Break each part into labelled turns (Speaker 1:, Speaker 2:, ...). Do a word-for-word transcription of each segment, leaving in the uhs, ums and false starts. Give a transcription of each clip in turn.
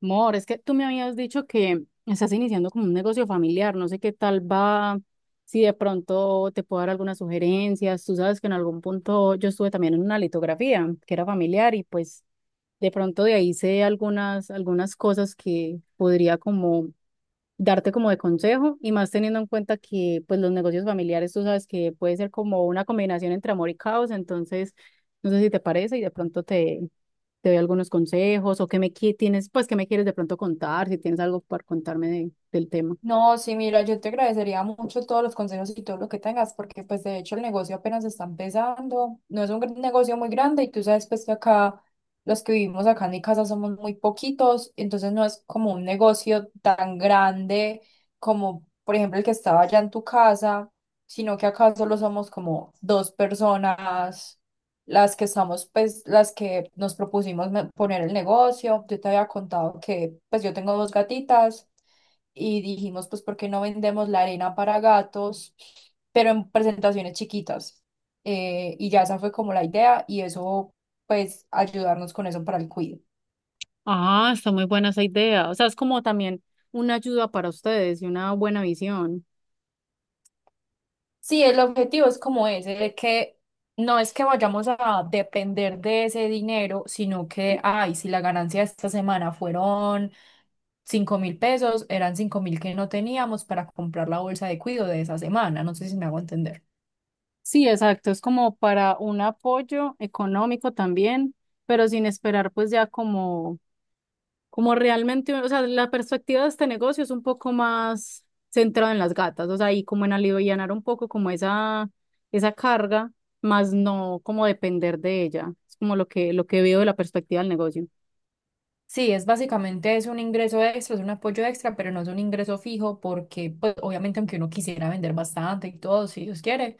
Speaker 1: Mor, es que tú me habías dicho que estás iniciando como un negocio familiar, no sé qué tal va, si de pronto te puedo dar algunas sugerencias. Tú sabes que en algún punto yo estuve también en una litografía que era familiar y pues de pronto de ahí sé algunas, algunas cosas que podría como darte como de consejo y más teniendo en cuenta que pues los negocios familiares tú sabes que puede ser como una combinación entre amor y caos. Entonces no sé si te parece y de pronto te, te doy algunos consejos o qué me qui- tienes, pues qué me quieres de pronto contar, si tienes algo para contarme de- del tema.
Speaker 2: No, sí, mira, yo te agradecería mucho todos los consejos y todo lo que tengas, porque pues de hecho el negocio apenas está empezando, no es un gran- negocio muy grande y tú sabes pues que acá los que vivimos acá en mi casa somos muy poquitos, entonces no es como un negocio tan grande como por ejemplo el que estaba allá en tu casa, sino que acá solo somos como dos personas las que estamos, pues, las que nos propusimos me- poner el negocio. Yo te había contado que, pues, yo tengo dos gatitas y dijimos, pues, ¿por qué no vendemos la arena para gatos, pero en presentaciones chiquitas? Eh, y ya esa fue como la idea y eso, pues, ayudarnos con eso para el cuido.
Speaker 1: Ah, está muy buena esa idea. O sea, es como también una ayuda para ustedes y una buena visión.
Speaker 2: Sí, el objetivo es como ese, de que no es que vayamos a depender de ese dinero, sino que, ay, si la ganancia de esta semana fueron cinco mil pesos, eran cinco mil que no teníamos para comprar la bolsa de cuido de esa semana. No sé si me hago entender.
Speaker 1: Sí, exacto, es como para un apoyo económico también, pero sin esperar pues ya como como realmente. O sea, la perspectiva de este negocio es un poco más centrada en las gatas, o sea, y como en alivianar un poco como esa, esa carga, más no como depender de ella. Es como lo que, lo que veo de la perspectiva del negocio.
Speaker 2: Sí, es básicamente es un ingreso extra, es un apoyo extra, pero no es un ingreso fijo porque, pues, obviamente, aunque uno quisiera vender bastante y todo, si Dios quiere,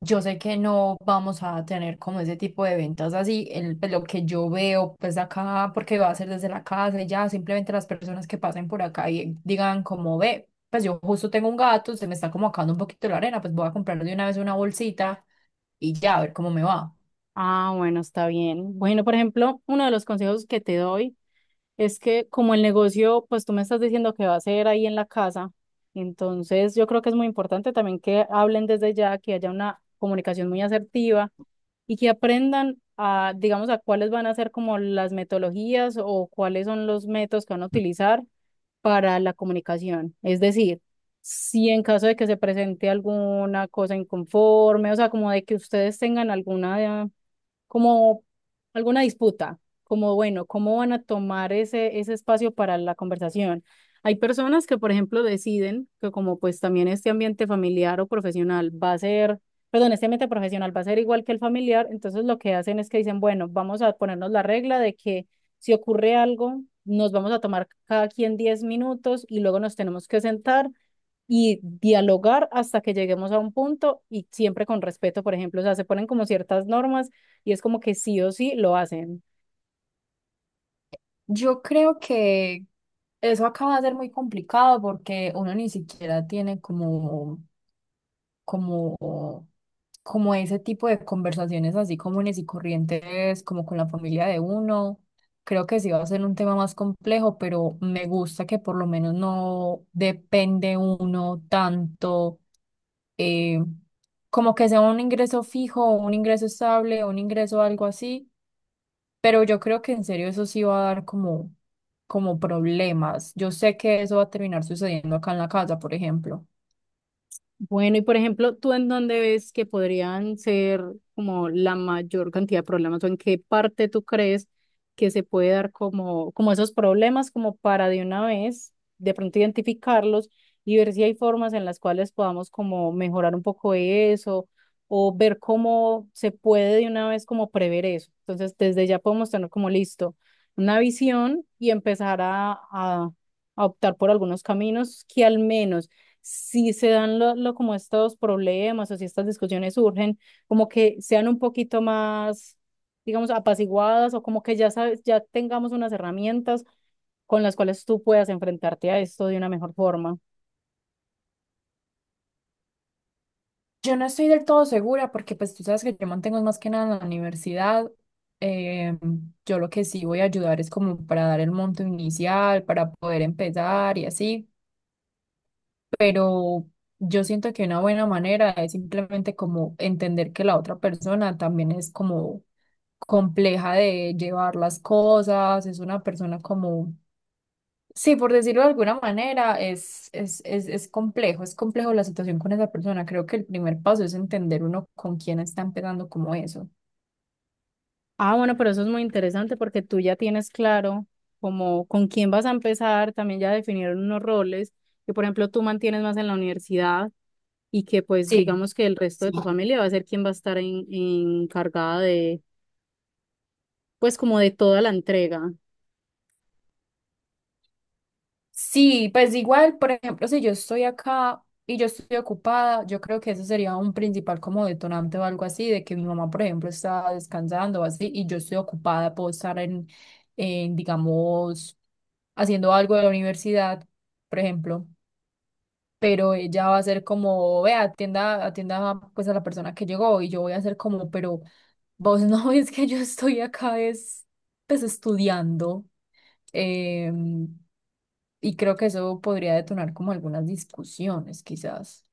Speaker 2: yo sé que no vamos a tener como ese tipo de ventas así, el, pues, lo que yo veo, pues, acá, porque va a ser desde la casa y ya, simplemente las personas que pasen por acá y digan como, ve, pues yo justo tengo un gato, se me está como acabando un poquito la arena, pues voy a comprar de una vez una bolsita y ya, a ver cómo me va.
Speaker 1: Ah, bueno, está bien. Bueno, por ejemplo, uno de los consejos que te doy es que como el negocio, pues tú me estás diciendo que va a ser ahí en la casa. Entonces yo creo que es muy importante también que hablen desde ya, que haya una comunicación muy asertiva y que aprendan a, digamos, a cuáles van a ser como las metodologías o cuáles son los métodos que van a utilizar para la comunicación. Es decir, si en caso de que se presente alguna cosa inconforme, o sea, como de que ustedes tengan alguna como alguna disputa, como bueno, ¿cómo van a tomar ese, ese espacio para la conversación? Hay personas que, por ejemplo, deciden que como pues también este ambiente familiar o profesional va a ser, perdón, este ambiente profesional va a ser igual que el familiar. Entonces lo que hacen es que dicen, bueno, vamos a ponernos la regla de que si ocurre algo, nos vamos a tomar cada quien diez minutos y luego nos tenemos que sentar y dialogar hasta que lleguemos a un punto y siempre con respeto, por ejemplo. O sea, se ponen como ciertas normas y es como que sí o sí lo hacen.
Speaker 2: Yo creo que eso acaba de ser muy complicado porque uno ni siquiera tiene como, como, como ese tipo de conversaciones así comunes y corrientes, como con la familia de uno. Creo que sí va a ser un tema más complejo, pero me gusta que por lo menos no depende uno tanto, eh, como que sea un ingreso fijo, un ingreso estable, un ingreso algo así, pero yo creo que en serio eso sí va a dar como, como problemas. Yo sé que eso va a terminar sucediendo acá en la casa, por ejemplo.
Speaker 1: Bueno, y por ejemplo, ¿tú en dónde ves que podrían ser como la mayor cantidad de problemas o en qué parte tú crees que se puede dar como, como esos problemas como para de una vez de pronto identificarlos y ver si hay formas en las cuales podamos como mejorar un poco eso o ver cómo se puede de una vez como prever eso? Entonces, desde ya podemos tener como listo una visión y empezar a, a a optar por algunos caminos que al menos si se dan lo, lo- como estos problemas o si estas discusiones surgen, como que sean un poquito más, digamos, apaciguadas o como que ya sabes, ya tengamos unas herramientas con las cuales tú puedas enfrentarte a esto de una mejor forma.
Speaker 2: Yo no estoy del todo segura porque pues tú sabes que yo mantengo más que nada en la universidad. Eh, yo lo que sí voy a ayudar es como para dar el monto inicial, para poder empezar y así. Pero yo siento que una buena manera es simplemente como entender que la otra persona también es como compleja de llevar las cosas, es una persona como, sí, por decirlo de alguna manera, es, es, es, es complejo, es complejo la situación con esa persona. Creo que el primer paso es entender uno con quién está empezando como eso.
Speaker 1: Ah, bueno, pero eso es muy interesante porque tú ya tienes claro como con quién vas a empezar, también ya definieron unos roles que, por ejemplo, tú mantienes más en la universidad y que, pues,
Speaker 2: Sí,
Speaker 1: digamos que el resto de
Speaker 2: sí.
Speaker 1: tu familia va a ser quien va a estar en, encargada de, pues, como de toda la entrega.
Speaker 2: Sí, pues igual, por ejemplo, si yo estoy acá y yo estoy ocupada, yo creo que eso sería un principal como detonante o algo así, de que mi mamá, por ejemplo, está descansando o así, y yo estoy ocupada, puedo estar en, en, digamos, haciendo algo de la universidad, por ejemplo, pero ella va a ser como, vea, atienda, atienda pues a la persona que llegó y yo voy a ser como, pero vos no ves que yo estoy acá es, pues, estudiando, em, y creo que eso podría detonar como algunas discusiones quizás.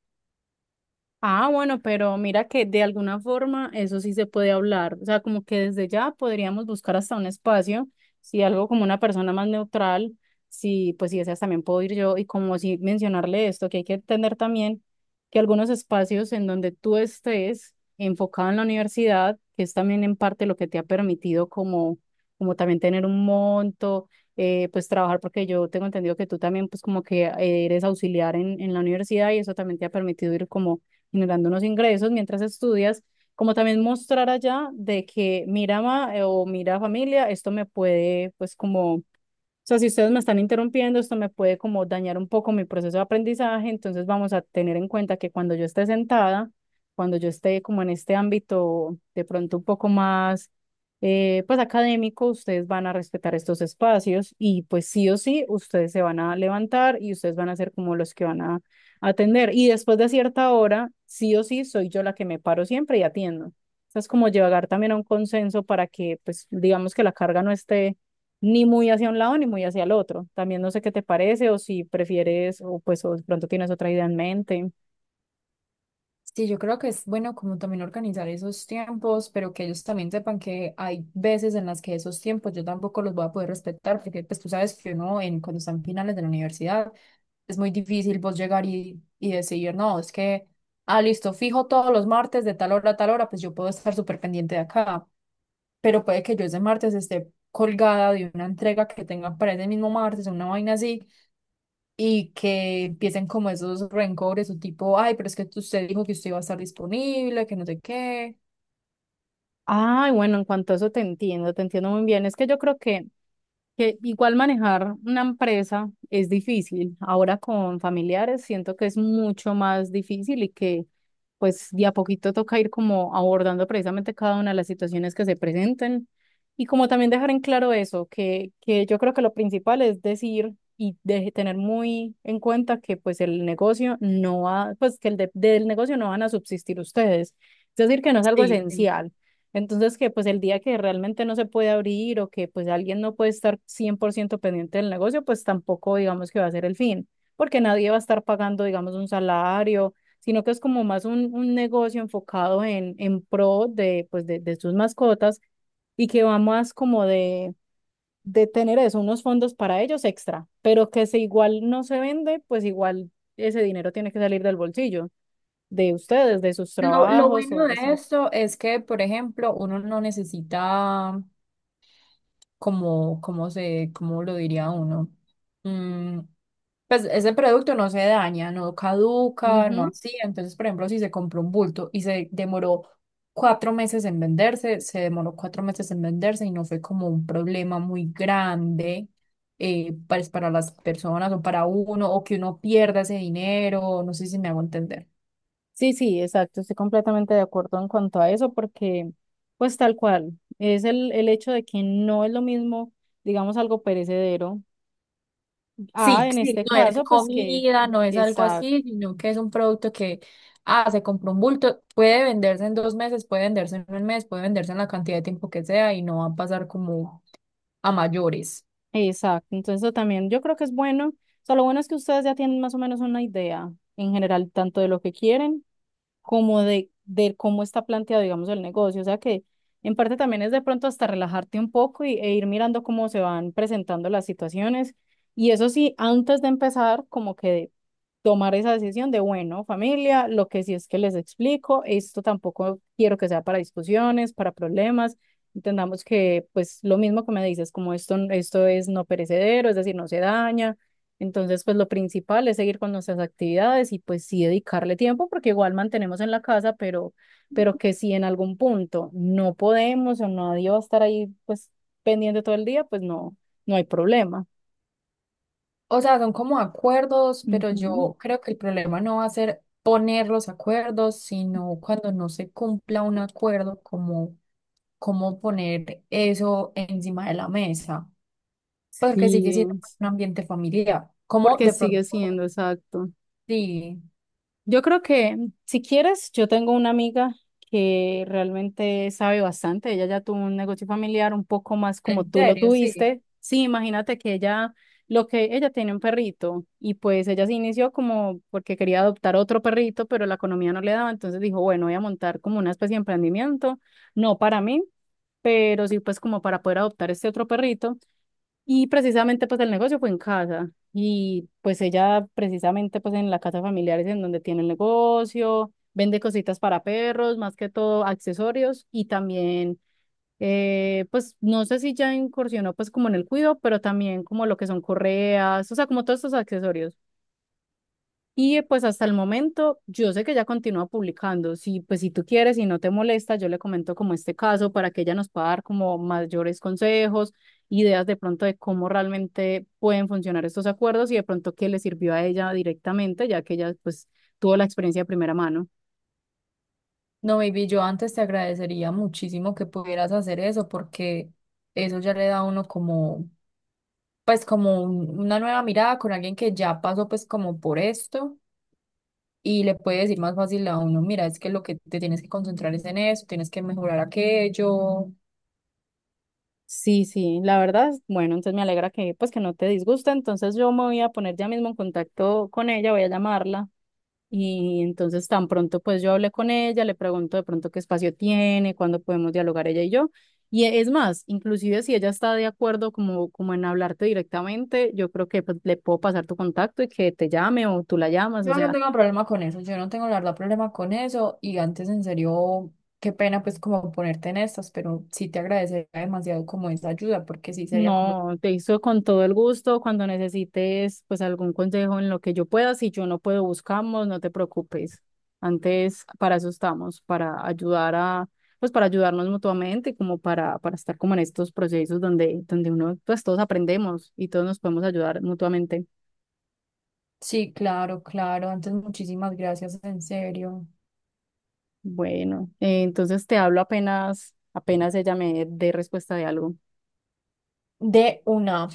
Speaker 1: Ah, bueno, pero mira que de alguna forma eso sí se puede hablar. O sea, como que desde ya podríamos buscar hasta un espacio, si algo como una persona más neutral, si pues si deseas también puedo ir yo y como si mencionarle esto, que hay que entender también que algunos espacios en donde tú estés enfocado en la universidad, que es también en parte lo que te ha permitido como, como también tener un monto, eh, pues trabajar, porque yo tengo entendido que tú también pues como que eres auxiliar en, en la universidad y eso también te ha permitido ir como generando unos ingresos mientras estudias, como también mostrar allá de que mira, ma, eh, o mira, familia, esto me puede, pues como o sea, si ustedes me están interrumpiendo, esto me puede como dañar un poco mi proceso de aprendizaje. Entonces vamos a tener en cuenta que cuando yo esté sentada, cuando yo esté como en este ámbito de pronto un poco más, eh, pues académico, ustedes van a respetar estos espacios y pues sí o sí, ustedes se van a levantar y ustedes van a ser como los que van a atender. Y después de cierta hora, sí o sí, soy yo la que me paro siempre y atiendo. O sea, es como llegar también a un consenso para que, pues, digamos que la carga no esté ni muy hacia un lado ni muy hacia el otro. También no sé qué te parece o si prefieres o pues o de pronto tienes otra idea en mente.
Speaker 2: Sí, yo creo que es bueno como también organizar esos tiempos, pero que ellos también sepan que hay veces en las que esos tiempos yo tampoco los voy a poder respetar, porque pues tú sabes que uno en, cuando están en finales de la universidad es muy difícil vos llegar y, y decir, no, es que, ah, listo, fijo todos los martes de tal hora a tal hora, pues yo puedo estar súper pendiente de acá, pero puede que yo ese martes esté colgada de una entrega que tengan para ese mismo martes, una vaina así, y que empiecen como esos rencores o tipo, ay, pero es que usted dijo que usted iba a estar disponible, que no sé qué.
Speaker 1: Ay, bueno, en cuanto a eso te entiendo, te entiendo muy bien. Es que yo creo que Que igual manejar una empresa es difícil. Ahora con familiares siento que es mucho más difícil y que pues de a poquito toca ir como abordando precisamente cada una de las situaciones que se presenten y como también dejar en claro eso, que, que yo creo que lo principal es decir y de tener muy en cuenta que pues el negocio no va, pues que el de- del negocio no van a subsistir ustedes. Es decir, que no es algo
Speaker 2: Sí, sí.
Speaker 1: esencial. Entonces, que pues el día que realmente no se puede abrir o que pues alguien no puede estar cien por ciento pendiente del negocio, pues tampoco digamos que va a ser el fin, porque nadie va a estar pagando, digamos, un salario, sino que es como más un, un negocio enfocado en, en pro de, pues, de, de sus mascotas y que va más como de, de tener eso, unos fondos para ellos extra, pero que si igual no se vende, pues igual ese dinero tiene que salir del bolsillo de ustedes, de sus
Speaker 2: Lo, lo
Speaker 1: trabajos
Speaker 2: bueno
Speaker 1: o
Speaker 2: de
Speaker 1: así.
Speaker 2: esto es que, por ejemplo, uno no necesita como, como se, como lo diría uno. Mm, pues ese producto no se daña, no caduca, no así. Entonces, por ejemplo, si se compró un bulto y se demoró cuatro meses en venderse, se demoró cuatro meses en venderse y no fue como un problema muy grande, eh, pues, para las personas o para uno, o que uno pierda ese dinero, no sé si me hago entender.
Speaker 1: Sí, sí, exacto, estoy completamente de acuerdo en cuanto a eso, porque pues tal cual, es el, el hecho de que no es lo mismo, digamos, algo perecedero. Ah,
Speaker 2: Sí,
Speaker 1: en
Speaker 2: sí,
Speaker 1: este
Speaker 2: no es
Speaker 1: caso, pues que,
Speaker 2: comida, no es algo
Speaker 1: exacto,
Speaker 2: así, sino que es un producto que, ah, se compró un bulto, puede venderse en dos meses, puede venderse en un mes, puede venderse en la cantidad de tiempo que sea y no va a pasar como a mayores.
Speaker 1: exacto, entonces eso también yo creo que es bueno. O sea, lo bueno es que ustedes ya tienen más o menos una idea en general, tanto de lo que quieren como de, de cómo está planteado, digamos, el negocio. O sea que en parte también es de pronto hasta relajarte un poco y, e ir mirando cómo se van presentando las situaciones. Y eso sí, antes de empezar, como que tomar esa decisión de, bueno, familia, lo que sí es que les explico, esto tampoco quiero que sea para discusiones, para problemas. Entendamos que, pues, lo mismo que me dices, como esto, esto es no perecedero, es decir, no se daña. Entonces, pues lo principal es seguir con nuestras actividades y pues sí dedicarle tiempo porque igual mantenemos en la casa, pero, pero, que si en algún punto no podemos o nadie va a estar ahí pues pendiente todo el día, pues no, no hay problema.
Speaker 2: O sea, son como acuerdos, pero
Speaker 1: Ujú.
Speaker 2: yo creo que el problema no va a ser poner los acuerdos, sino cuando no se cumpla un acuerdo, como cómo poner eso encima de la mesa, porque sigue
Speaker 1: Sí,
Speaker 2: siendo un ambiente familiar. Como
Speaker 1: porque
Speaker 2: de
Speaker 1: sigue
Speaker 2: pronto,
Speaker 1: siendo exacto.
Speaker 2: sí,
Speaker 1: Yo creo que si quieres, yo tengo una amiga que realmente sabe bastante. Ella ya tuvo un negocio familiar un poco más como
Speaker 2: en
Speaker 1: tú lo
Speaker 2: serio, sí.
Speaker 1: tuviste. Sí, imagínate que ella, lo que ella tiene un perrito y pues ella se inició como porque quería adoptar otro perrito, pero la economía no le daba. Entonces dijo, bueno, voy a montar como una especie de emprendimiento, no para mí, pero sí pues como para poder adoptar este otro perrito. Y precisamente pues el negocio fue en casa y pues ella precisamente pues en la casa familiar es en donde tiene el negocio, vende cositas para perros, más que todo accesorios y también eh, pues no sé si ya incursionó pues como en el cuido, pero también como lo que son correas, o sea, como todos estos accesorios. Y eh, pues hasta el momento, yo sé que ella continúa publicando. Si, pues si tú quieres y no te molesta, yo le comento como este caso para que ella nos pueda dar como mayores consejos, ideas de pronto de cómo realmente pueden funcionar estos acuerdos y de pronto qué le sirvió a ella directamente, ya que ella pues tuvo la experiencia de primera mano.
Speaker 2: No, baby, yo antes te agradecería muchísimo que pudieras hacer eso porque eso ya le da a uno como, pues, como un- una nueva mirada con alguien que ya pasó pues como por esto y le puede decir más fácil a uno, mira, es que lo que te tienes que concentrar es en eso, tienes que mejorar aquello.
Speaker 1: Sí, sí, la verdad, bueno, entonces me alegra que pues que no te disgusta. Entonces yo me voy a poner ya mismo en contacto con ella, voy a llamarla. Y entonces tan pronto pues yo hablé con ella, le pregunto de pronto qué espacio tiene, cuándo podemos dialogar ella y yo. Y e- es más, inclusive si ella está de acuerdo como, como en hablarte directamente, yo creo que pues, le puedo pasar tu contacto y que te llame o tú la llamas, o
Speaker 2: Yo no
Speaker 1: sea,
Speaker 2: tengo problema con eso, yo no tengo la verdad problema con eso y antes en serio, qué pena pues como ponerte en estas, pero sí te agradecería demasiado como esa ayuda porque sí sería como,
Speaker 1: no, te hizo con todo el gusto. Cuando necesites, pues algún consejo en lo que yo pueda, si yo no puedo, buscamos, no te preocupes. Antes, para eso estamos, para ayudar a, pues para ayudarnos mutuamente, como para, para estar como en estos procesos donde, donde uno, pues todos aprendemos y todos nos podemos ayudar mutuamente.
Speaker 2: sí, claro, claro. Antes, muchísimas gracias, en serio.
Speaker 1: Bueno, eh, entonces te hablo apenas, apenas ella me dé respuesta de algo.
Speaker 2: De una.